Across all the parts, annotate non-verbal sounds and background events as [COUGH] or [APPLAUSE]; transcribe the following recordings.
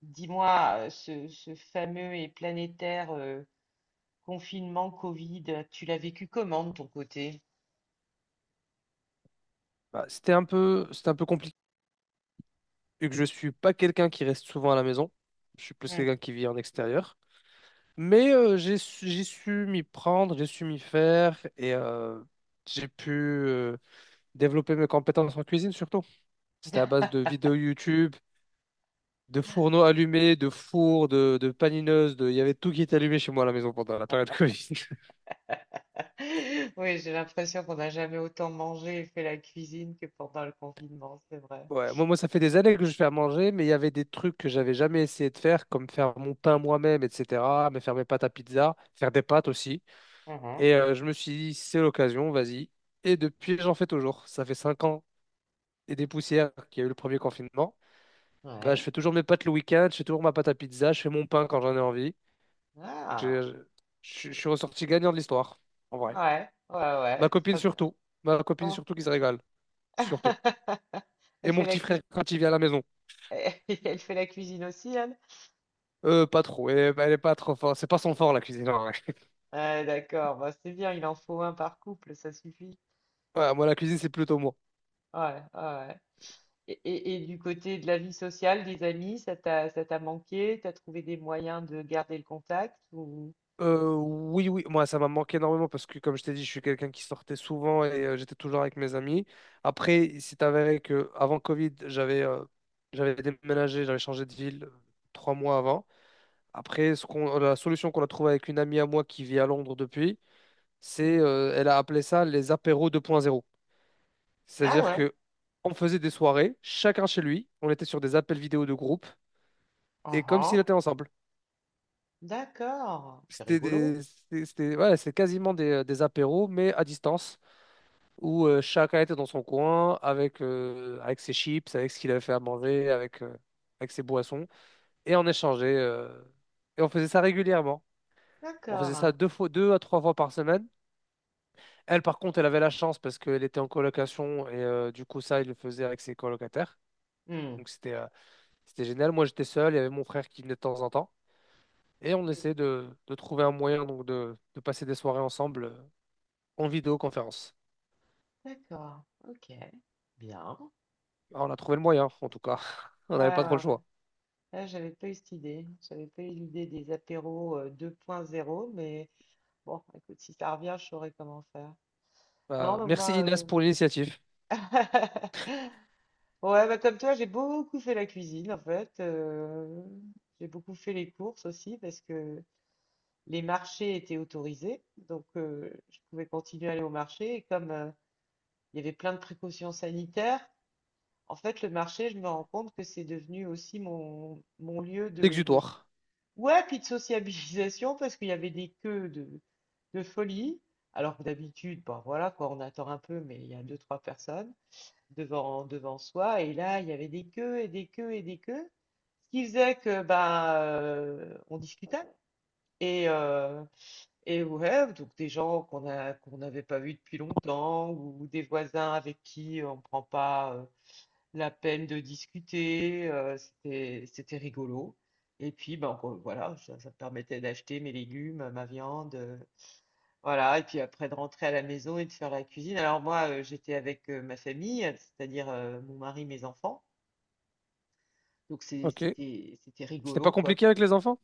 Dis-moi, ce fameux et planétaire confinement Covid, tu l'as vécu comment de ton côté? C'était un peu compliqué, vu que je suis pas quelqu'un qui reste souvent à la maison. Je suis plus Hmm. quelqu'un qui vit en extérieur. Mais j'ai su m'y prendre, j'ai su m'y faire et j'ai pu développer mes compétences en cuisine surtout. C'était à base de [LAUGHS] vidéos YouTube, de fourneaux allumés, de fours, de panineuses, de... il y avait tout qui était allumé chez moi à la maison pendant la période [LAUGHS] Covid. Oui, j'ai l'impression qu'on n'a jamais autant mangé et fait la cuisine que pendant le confinement, c'est vrai. Ouais, moi, ça fait des années que je fais à manger, mais il y avait des trucs que j'avais jamais essayé de faire, comme faire mon pain moi-même, etc., mais faire mes pâtes à pizza, faire des pâtes aussi. Mhm. Je me suis dit, c'est l'occasion, vas-y. Et depuis, j'en fais toujours. Ça fait 5 ans et des poussières qu'il y a eu le premier confinement. Bah, je Ouais. fais toujours mes pâtes le week-end, je fais toujours ma pâte à pizza, je fais mon pain quand j'en ai envie. Donc, j'ai- Ah, je suis ressorti gagnant de l'histoire, en vrai. ouais, ouais, Ma ouais, copine très bien. surtout. Ma copine Oh. surtout qui se régale, surtout. [LAUGHS] Et Elle mon fait la petit frère cuisine. quand il vient à la maison. [LAUGHS] Elle fait la cuisine aussi, elle? Pas trop. Elle est pas trop forte. C'est pas son fort, la cuisine, en vrai. Ouais, d'accord, bah, c'est bien, il en faut un par couple, ça suffit. Voilà, moi, la cuisine, c'est plutôt moi. Ouais, ouais, ouais. Et du côté de la vie sociale, des amis, ça t'a manqué? T'as trouvé des moyens de garder le contact ou... Oui, oui, moi, ça m'a manqué énormément parce que, comme je t'ai dit, je suis quelqu'un qui sortait souvent et j'étais toujours avec mes amis. Après, il s'est avéré que avant Covid, j'avais j'avais déménagé, j'avais changé de ville 3 mois avant. Après, la solution qu'on a trouvée avec une amie à moi qui vit à Londres depuis, c'est, ou- euh, elle a appelé ça les apéros 2.0. Ah C'est-à-dire ouais, que on faisait des soirées, chacun chez lui. On était sur des appels vidéo de groupe. Et comme s'ils uhum. étaient ensemble. D'accord, c'est C'était rigolo. des, c'était, c'était- ouais, c'est quasiment des apéros, mais à distance, où chacun était dans son coin avec, avec ses chips, avec ce qu'il avait fait à manger, avec avec ses boissons, et on échangeait, et on faisait ça régulièrement. On faisait ça D'accord. deux fois, deux à trois fois par semaine. Elle, par contre, elle avait la chance parce qu'elle était en colocation et du coup, ça, il le faisait avec ses colocataires. Hmm. Donc, c'était génial. Moi, j'étais seul. Il y avait mon frère qui venait de temps en temps. Et on essaie Mhm. De trouver un moyen donc de passer des soirées ensemble en vidéoconférence. D'accord, ok, bien. Ah, on a trouvé le moyen, en tout cas. [LAUGHS] On Ouais, n'avait pas trop ouais, le ouais. choix. Là, j'avais pas eu cette idée. J'avais pas eu l'idée des apéros 2.0, mais bon, écoute, si ça revient, je saurai comment faire. Non, mais Merci moi, Inès pour l'initiative. euh, [LAUGHS] Ouais, bah comme toi, j'ai beaucoup fait la cuisine en fait. J'ai beaucoup fait les courses aussi parce que les marchés étaient autorisés. Donc, je pouvais continuer à aller au marché. Et comme il y avait plein de précautions sanitaires, en fait, le marché, je me rends compte que c'est devenu aussi mon lieu de... L'exutoire. Ouais, puis de sociabilisation parce qu'il y avait des queues de folie. Alors que d'habitude, bon, voilà, quoi, on attend un peu, mais il y a deux, trois personnes devant soi. Et là, il y avait des queues et des queues et des queues. Ce qui faisait que bah, on discutait. Et, euh, et ouais, donc des gens qu'on n'avait pas vus depuis longtemps, ou des voisins avec qui on ne prend pas la peine de discuter, c'était rigolo. Et puis, ben, voilà, ça me permettait d'acheter mes légumes, ma viande, voilà, et puis après de rentrer à la maison et de faire la cuisine. Alors moi, j'étais avec ma famille, c'est-à-dire mon mari, mes enfants. Donc c'est- Ok. c'était c'était C'était pas rigolo quoi. compliqué avec les enfants?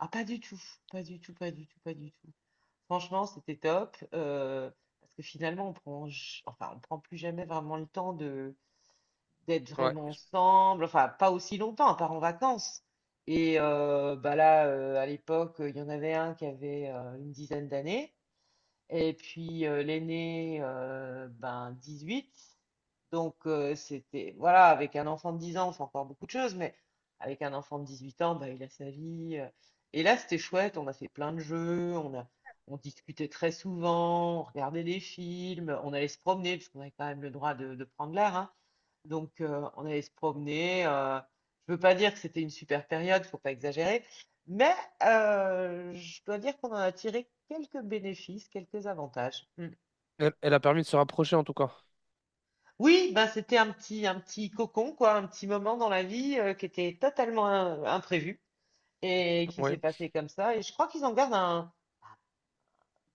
Ah pas du tout, pas du tout, pas du tout, pas du tout. Franchement, c'était top parce que finalement enfin on prend plus jamais vraiment le temps de d'être Ouais. vraiment ensemble. Enfin pas aussi longtemps, à part en vacances. Et bah là, à l'époque, il y en avait un qui avait une dizaine d'années. Et puis l'aîné, ben 18. Donc c'était, voilà, avec un enfant de 10 ans, c'est encore beaucoup de choses, mais avec un enfant de 18 ans, ben il a sa vie. Et là, c'était chouette, on a fait plein de jeux, on discutait très souvent, on regardait des films, on allait se promener, puisqu'on avait quand même le droit de prendre l'air, hein. Donc, on allait se promener. Je veux pas dire que c'était une super période, faut pas exagérer, mais je dois dire qu'on en a tiré quelques bénéfices, quelques avantages. Mm. Elle, elle a permis de se rapprocher en tout cas. Oui, ben c'était un petit cocon, quoi, un petit moment dans la vie qui était totalement imprévu et qui s'est Oui. passé comme ça. Et je crois qu'ils en gardent un,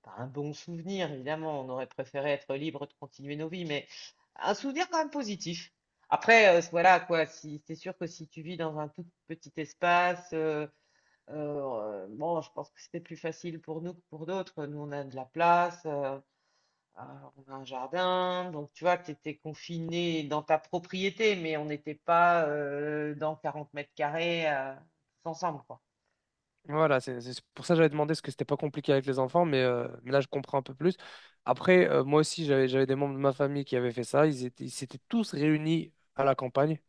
pas un bon souvenir, évidemment, on aurait préféré être libre de continuer nos vies, mais un souvenir quand même positif. Après, voilà quoi, si, c'est sûr que si tu vis dans un tout petit espace, bon, je pense que c'était plus facile pour nous que pour d'autres. Nous, on a de la place, euh, on a un jardin, donc tu vois, tu étais confiné dans ta propriété, mais on n'était pas dans 40 m² tous ensemble, quoi. Voilà, c'est pour ça que j'avais demandé ce que c'était pas compliqué avec les enfants, mais là je comprends un peu plus. Après, moi aussi, j'avais des membres de ma famille qui avaient fait ça. Ils s'étaient tous réunis à la campagne.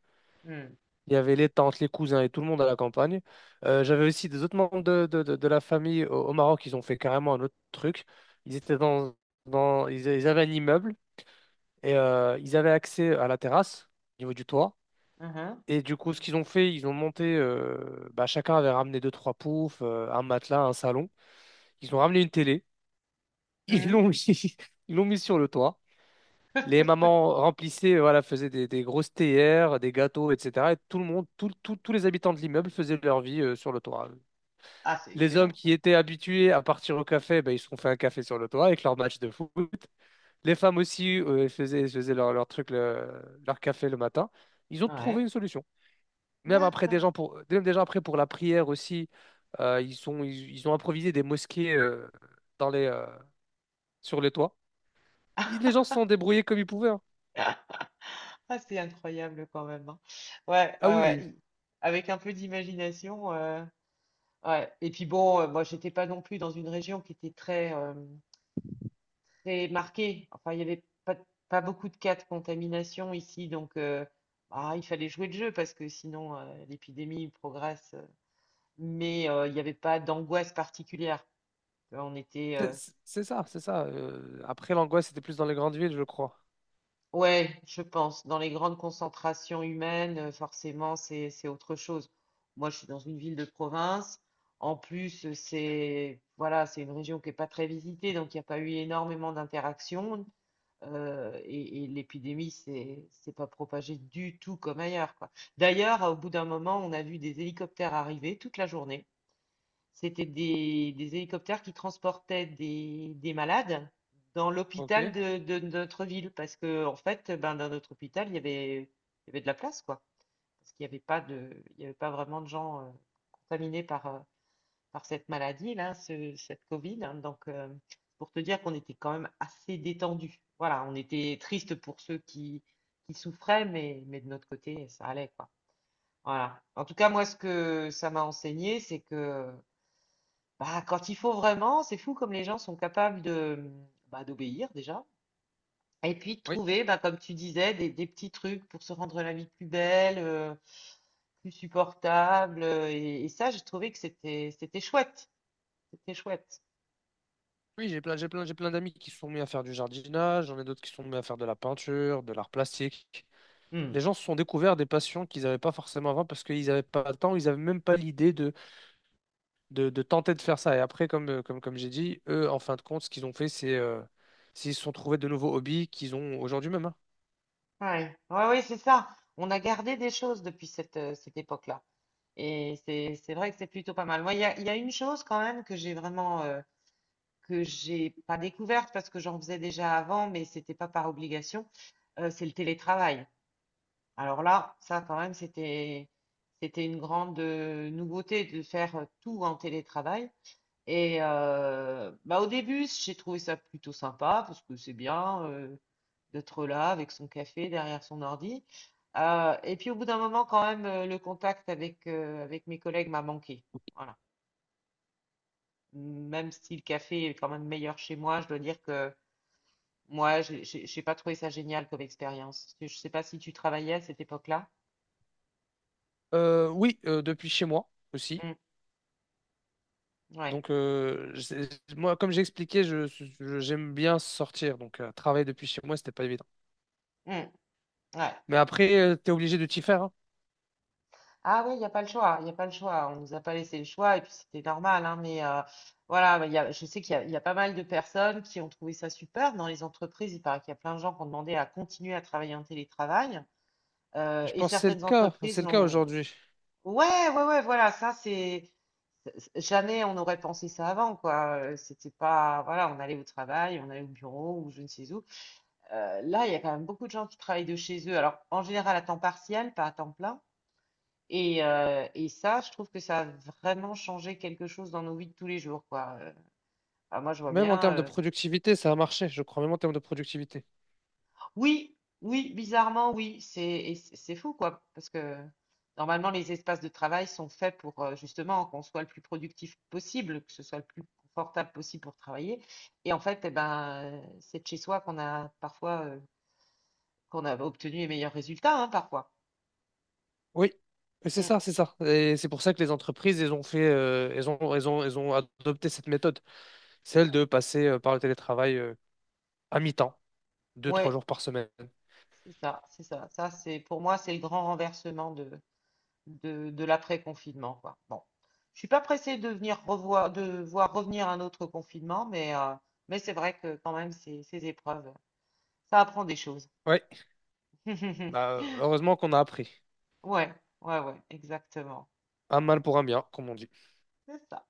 Hmm. Il y avait les tantes, les cousins et tout le monde à la campagne. J'avais aussi des autres membres de la famille au Maroc. Ils ont fait carrément un autre truc. Ils étaient dans, dans, ils avaient un immeuble et ils avaient accès à la terrasse au niveau du toit. Mhm. Et du coup, ce qu'ils ont fait, ils ont monté. Bah, chacun avait ramené deux, trois poufs, un matelas, un salon. Ils ont ramené une télé. Ils Mhm. l'ont [LAUGHS] mis, ils l'ont mis sur le toit. Les mamans remplissaient, voilà, faisaient des grosses théières, des gâteaux, etc. Et tout le monde, tout- tout- tous les habitants de l'immeuble faisaient leur vie sur le toit. Ah, c'est Les hommes excellent qui ça. étaient habitués à partir au café, ben, ils se sont fait un café sur le toit avec leur match de foot. Les femmes aussi faisaient, faisaient leur truc, leur café le matin. Ils ont trouvé Ouais, une solution. Même après, d'accord. Même déjà après pour la prière aussi, ils ont improvisé des mosquées euh, sur les toits. Les gens se sont débrouillés comme ils pouvaient, hein. Ah, c'est incroyable quand même, hein. Ouais, Ah ouais, ouais. oui, il- Avec un peu d'imagination. Ouais. Et puis bon, moi, j'étais pas non plus dans une région qui était très marquée. Enfin, il y avait pas beaucoup de cas de contamination ici, donc ah, il fallait jouer le jeu parce que sinon l'épidémie progresse. Mais il n'y avait pas d'angoisse particulière. Tu vois, on était, C'est c'est ça, c'est ça. Après, l'angoisse, c'était plus dans les grandes villes, je crois. Ouais, je pense. Dans les grandes concentrations humaines, forcément, c'est autre chose. Moi, je suis dans une ville de province. En plus, c'est voilà, c'est une région qui est pas très visitée, donc il n'y a pas eu énormément d'interactions. Et l'épidémie, c'est pas propagée du tout comme ailleurs, quoi. D'ailleurs, au bout d'un moment, on a vu des hélicoptères arriver toute la journée. C'était des hélicoptères qui transportaient des malades dans l'hôpital Ok. de notre ville. Parce que, en fait, ben, dans notre hôpital, il y avait de la place, quoi. Parce qu'il n'y avait pas de, il y avait pas vraiment de gens contaminés par cette maladie, là, cette Covid, hein. Donc, pour te dire qu'on était quand même assez détendu. Voilà, on était triste pour ceux qui souffraient, mais de notre côté, ça allait, quoi. Voilà. En tout cas, moi, ce que ça m'a enseigné, c'est que bah, quand il faut vraiment, c'est fou comme les gens sont capables de, bah, d'obéir déjà. Et puis de Oui, trouver, bah, comme tu disais, des petits trucs pour se rendre la vie plus belle, plus supportable. Et ça, j'ai trouvé que c'était chouette. C'était chouette. oui, j'ai plein d'amis qui se sont mis à faire du jardinage, j'en ai d'autres qui se sont mis à faire de la peinture, de l'art plastique. Hmm. Les gens se sont découverts des passions qu'ils n'avaient pas forcément avant parce qu'ils n'avaient pas le temps, ils n'avaient même pas l'idée de tenter de faire ça. Et après, comme j'ai dit, eux, en fin de compte, ce qu'ils ont fait, c'est ils se sont trouvés de nouveaux hobbies qu'ils ont aujourd'hui même, hein. Ouais, ouais, ouais, c'est ça. On a gardé des choses depuis cette époque-là. Et c'est vrai que c'est plutôt pas mal. Moi, il y a une chose quand même que j'ai pas découverte parce que j'en faisais déjà avant, mais c'était pas par obligation, c'est le télétravail. Alors là, ça quand même, c'était une grande nouveauté de faire tout en télétravail. Et bah, au début, j'ai trouvé ça plutôt sympa parce que c'est bien d'être là avec son café derrière son ordi. Et puis au bout d'un moment, quand même, le contact avec mes collègues m'a manqué. Voilà. Même si le café est quand même meilleur chez moi, je dois dire que moi, j'ai pas trouvé ça génial comme expérience. Je sais pas si tu travaillais à cette époque-là. Oui, depuis chez moi aussi. Mm, ouais. Donc, euh, j'ai- moi, comme j'ai expliqué, j'aime bien sortir. Donc, travailler depuis chez moi, c'était pas évident. Mm, ouais. Mais après, tu es obligé de t'y faire, hein. Ah oui, il n'y a pas le choix, il n'y a pas le choix. On nous a pas laissé le choix et puis c'était normal, hein, mais voilà, mais je sais qu'il y a pas mal de personnes qui ont trouvé ça super dans les entreprises. Il paraît qu'il y a plein de gens qui ont demandé à continuer à travailler en télétravail Je et pense que c'est le certaines cas. entreprises C'est le cas n'ont... aujourd'hui. Ouais, ouais, ouais, voilà, ça c'est... Jamais on aurait pensé ça avant, quoi. C'était pas, voilà, on allait au travail, on allait au bureau ou je ne sais où. Là, il y a quand même beaucoup de gens qui travaillent de chez eux. Alors, en général, à temps partiel, pas à temps plein. Et ça, je trouve que ça a vraiment changé quelque chose dans nos vies de tous les jours, quoi. Moi, je vois Même en bien. termes de productivité, ça a marché. Je crois même en termes de productivité. Oui, oui, bizarrement, oui. C'est et c'est c'est fou, quoi. Parce que normalement, les espaces de travail sont faits pour justement qu'on soit le plus productif possible, que ce soit le plus confortable possible pour travailler. Et en fait, eh ben, c'est de chez soi qu'on a obtenu les meilleurs résultats, hein, parfois. Oui, et Mm. C'est ça. Et c'est pour ça que les entreprises, elles ont fait, elles ont, elles ont, elles ont adopté cette méthode. Celle de passer par le télétravail à mi-temps, deux, trois Ouais, jours par semaine. c'est ça, c'est ça. Ça, c'est pour moi, c'est le grand renversement de l'après-confinement, quoi. Bon, je suis pas pressée de voir revenir un autre confinement, mais c'est vrai que quand même, ces épreuves, ça apprend des choses. Ouais, [LAUGHS] bah, heureusement qu'on a appris. Ouais, ouais, ouais, exactement. Un mal pour un bien, comme on dit. C'est ça.